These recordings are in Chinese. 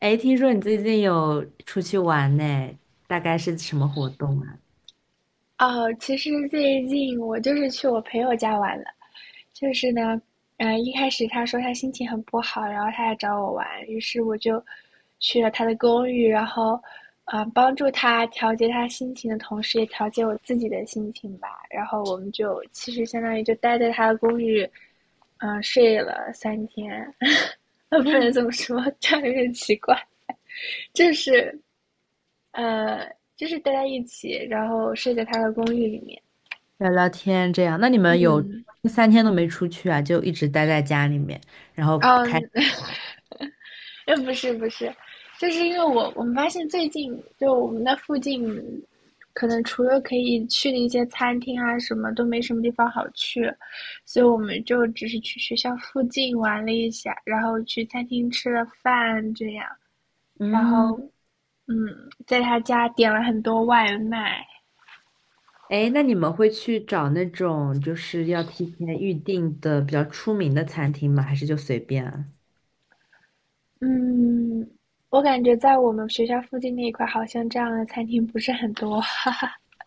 哎，听说你最近有出去玩呢，大概是什么活动啊？哦，其实最近我就是去我朋友家玩了，就是呢，一开始他说他心情很不好，然后他来找我玩，于是我就去了他的公寓，然后，帮助他调节他心情的同时，也调节我自己的心情吧。然后我们就其实相当于就待在他的公寓，睡了三天。不能这 么说，这样有点奇怪，就是呃，就是待在一起，然后睡在他的公寓里面。聊聊天这样，那你们有嗯，三天都没出去啊，就一直待在家里面，然后哦开，嗯。不是不是，就是因为我们发现最近就我们那附近，可能除了可以去的一些餐厅啊什么，都没什么地方好去，所以我们就只是去学校附近玩了一下，然后去餐厅吃了饭这样，然嗯，后嗯，在他家点了很多外卖。哎，那你们会去找那种就是要提前预定的比较出名的餐厅吗？还是就随便啊？嗯，我感觉在我们学校附近那一块，好像这样的餐厅不是很多。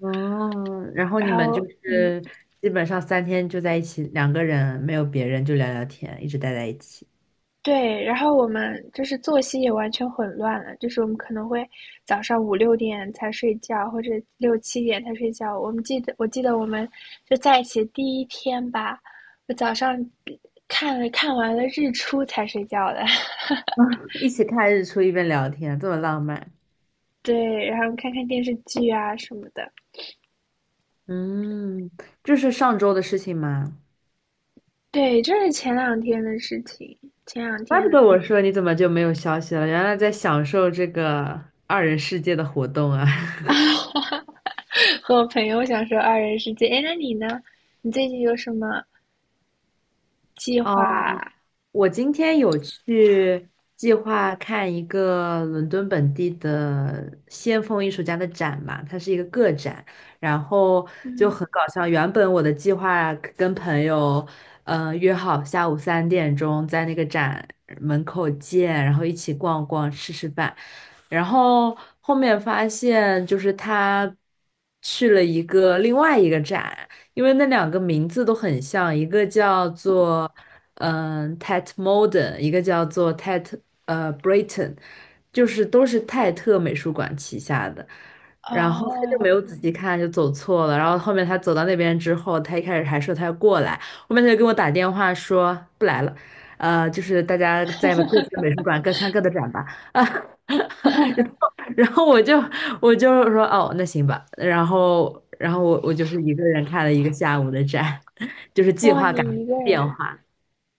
哦，然后你然们后，就是基本上三天就在一起，两个人没有别人就聊聊天，一直待在一起，对，然后我们就是作息也完全混乱了，就是我们可能会早上5、6点才睡觉，或者6、7点才睡觉。我记得我们就在一起第一天吧，我早上看完了日出才睡觉的。一起看日出一边聊天，这么浪漫。对，然后看看电视剧啊什么的。嗯，这是上周的事情嘛，对，这是前两天的事情，前两怪不得天 我说你怎么就没有消息了，原来在享受这个二人世界的活动啊！啊和我朋友享受二人世界。哎，那你呢？你最近有什么计划啊？我今天有去计划看一个伦敦本地的先锋艺术家的展嘛，它是一个个展，然后就嗯。很搞笑。原本我的计划跟朋友，约好下午3点钟在那个展门口见，然后一起逛逛吃吃饭，然后后面发现就是他去了一个另外一个展，因为那两个名字都很像，一个叫做。T e t Modern，一个叫做 t a t Britain，就是都是泰特美术馆旗下的。然后他就没哦，有仔细看，就走错了。然后后面他走到那边之后，他一开始还说他要过来，后面他就给我打电话说不来了，就是大家在各自的美术馆各看各的展吧。啊，然后我就说哦，那行吧。然后我就是一个人看了一个下午的展，就是计哇，划赶你不上一个变人，化。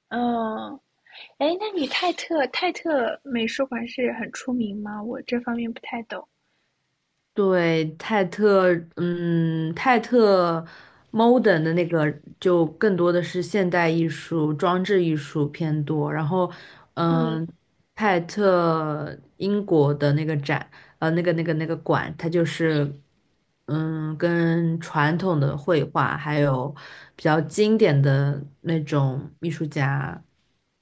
嗯，哎，那你泰特美术馆是很出名吗？我这方面不太懂。对，泰特 modern 的那个就更多的是现代艺术、装置艺术偏多。然后，嗯嗯，泰特英国的那个展，那个馆，它就是，跟传统的绘画还有比较经典的那种艺术家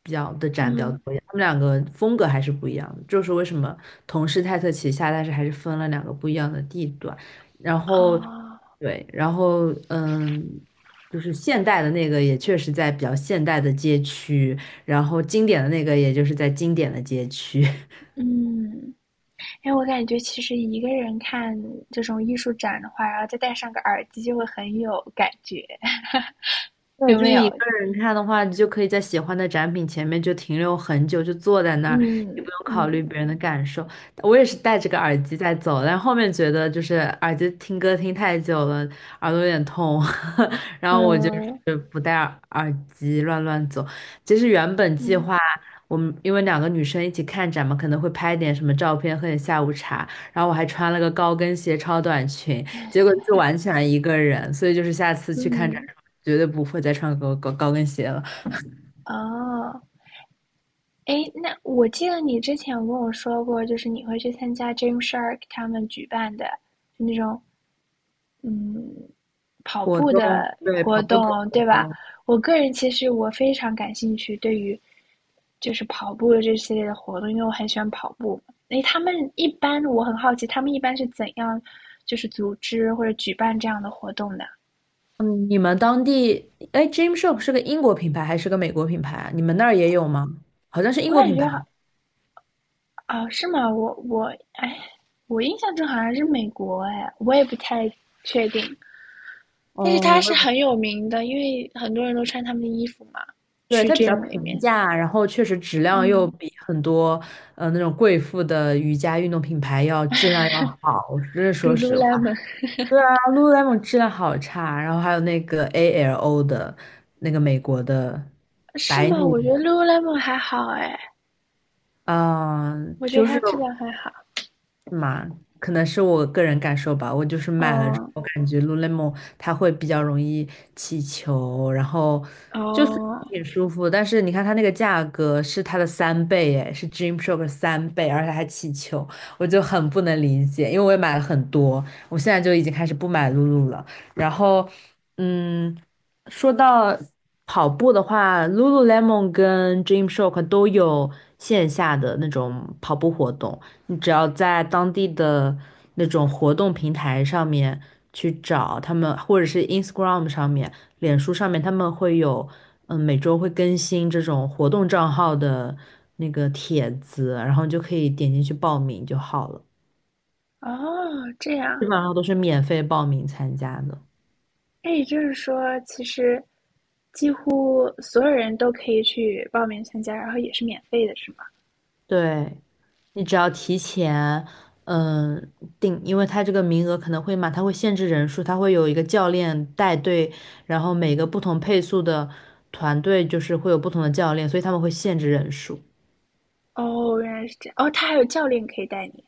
比较的展比较嗯多一点，他们两个风格还是不一样的。就是为什么同是泰特旗下，但是还是分了两个不一样的地段。然后，啊对，然后就是现代的那个也确实在比较现代的街区，然后经典的那个也就是在经典的街区。嗯，哎，我感觉其实一个人看这种艺术展的话，然后再戴上个耳机，就会很有感觉。对，有就没是一有？个人看的话，你就可以在喜欢的展品前面就停留很久，就坐在那儿，也嗯不用考虑嗯别人的感受。我也是戴着个耳机在走，但后面觉得就是耳机听歌听太久了，耳朵有点痛，然后我就嗯是不戴耳机乱乱走。其实原本计嗯划我们因为两个女生一起看展嘛，可能会拍点什么照片，喝点下午茶，然后我还穿了个高跟鞋、超短裙，结果是完全一个人，所以就是下次去看展。嗯，绝对不会再穿高跟鞋了。哦。诶，那我记得你之前有跟我说过，就是你会去参加 Gym Shark 他们举办的就那种跑活步动，的对，活跑步的动，活对吧？动。我个人其实我非常感兴趣，对于就是跑步的这系列的活动，因为我很喜欢跑步。诶，他们一般我很好奇，他们一般是怎样就是组织或者举办这样的活动的？嗯，你们当地，哎 g y m s h o p 是个英国品牌还是个美国品牌啊？你们那儿也有吗？好像是英我国感品觉牌。好啊，是吗？我哎，我印象中好像是美国哎，我也不太确定。但是哦，它我是也不，很有名的，因为很多人都穿他们的衣服嘛，对，去 它比较 gym 里平面。价，然后确实质量又嗯比很多那种贵妇的瑜伽运动品牌要质量要好，这是说实话。，Lululemon 对啊，Lululemon 质量好差，然后还有那个 ALO 的那个美国的，是吗？我觉得 Lululemon 还好哎，嗯，我觉得就它是。质量还好。是嘛，可能是我个人感受吧。我就是买了之哦后，感觉 Lululemon 它会比较容易起球，然后就是哦，挺舒服。但是你看它那个价格是它的三倍，哎，是 d r e a m s h o r k 3倍，而且还起球，我就很不能理解。因为我也买了很多，我现在就已经开始不买 Lulu 了。然后，嗯，说到跑步的话，Lululemon 跟 d r e a m s h o r k 都有线下的那种跑步活动。你只要在当地的那种活动平台上面去找他们，或者是 Instagram 上面、脸书上面，他们会有，每周会更新这种活动账号的那个帖子，然后你就可以点进去报名就好了。哦，这样，基本上都是免费报名参加的。那也就是说，其实几乎所有人都可以去报名参加，然后也是免费的，是吗？对，你只要提前，嗯，定，因为他这个名额可能会满，他会限制人数，他会有一个教练带队，然后每个不同配速的团队就是会有不同的教练，所以他们会限制人数。哦，原来是这样。哦，它还有教练可以带你。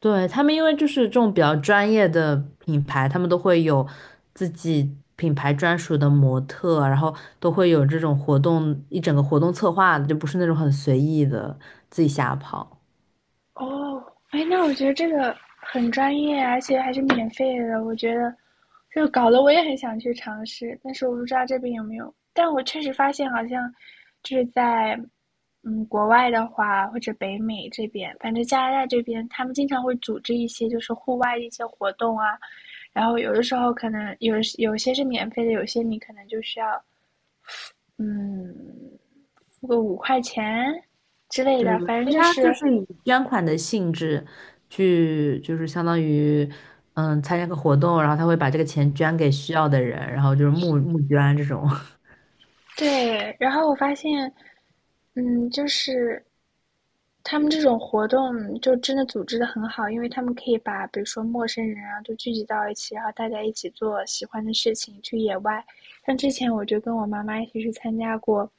对，他们因为就是这种比较专业的品牌，他们都会有自己品牌专属的模特，然后都会有这种活动，一整个活动策划的，就不是那种很随意的自己瞎跑。哦，哎，那我觉得这个很专业，而且还是免费的。我觉得，就搞得我也很想去尝试，但是我不知道这边有没有。但我确实发现，好像就是在国外的话，或者北美这边，反正加拿大这边，他们经常会组织一些就是户外的一些活动啊。然后有的时候可能有些是免费的，有些你可能就需要嗯付个5块钱之类对，因的，为反正就它就是。是以捐款的性质去，就是相当于，参加个活动，然后他会把这个钱捐给需要的人，然后就是募捐这种。对，然后我发现，嗯，就是他们这种活动就真的组织的很好，因为他们可以把比如说陌生人啊，都聚集到一起，然后大家一起做喜欢的事情，去野外。像之前我就跟我妈妈一起去参加过，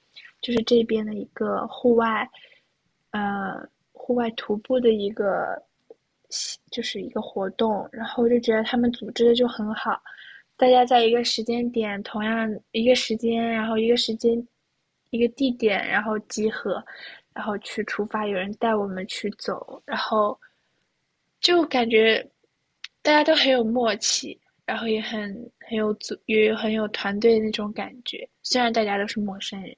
就是这边的一个户外，呃，户外徒步的一个，就是一个活动，然后我就觉得他们组织的就很好，大家在一个时间点，同样一个时间，一个地点，然后集合。然后去出发，有人带我们去走，然后就感觉大家都很有默契，然后也很有组，也很有团队那种感觉。虽然大家都是陌生人，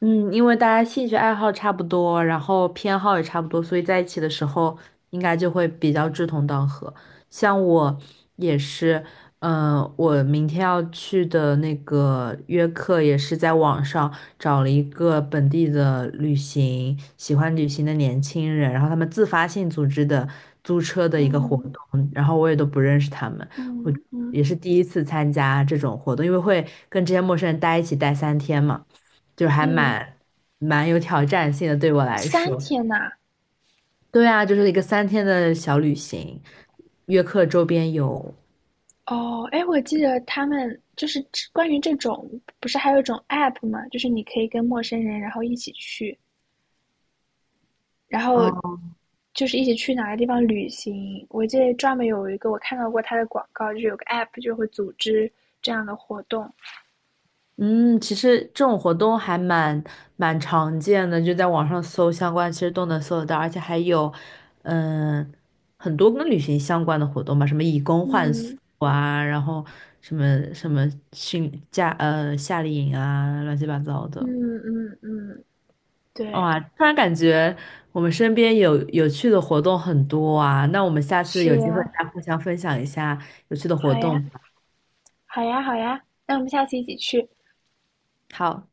嗯，因为大家兴趣爱好差不多，然后偏好也差不多，所以在一起的时候应该就会比较志同道合。像我也是，我明天要去的那个约克也是在网上找了一个本地的旅行，喜欢旅行的年轻人，然后他们自发性组织的租车的一个活嗯动，然后我也都不认识他们，我嗯也嗯，是第一次参加这种活动，因为会跟这些陌生人待一起待三天嘛。就是还嗯，蛮有挑战性的，对我哦来三说。天呐，对啊，就是一个三天的小旅行，约克周边游。哦，哎，我记得他们就是关于这种，不是还有一种 app 吗？就是你可以跟陌生人然后一起去，然后哦，就是一起去哪个地方旅行。我记得专门有一个我看到过它的广告，就是有个 app 就会组织这样的活动。嗯，其实这种活动还蛮常见的，就在网上搜相关，其实都能搜得到，而且还有，嗯，很多跟旅行相关的活动吧，什么以工换宿嗯啊，然后什么什么训假夏令营啊，乱七八糟的。嗯嗯嗯，对，哇，突然感觉我们身边有有趣的活动很多啊，那我们下次有是机会啊，再互相分享一下有趣的活好呀，动吧。好呀，好呀，那我们下次一起去。好。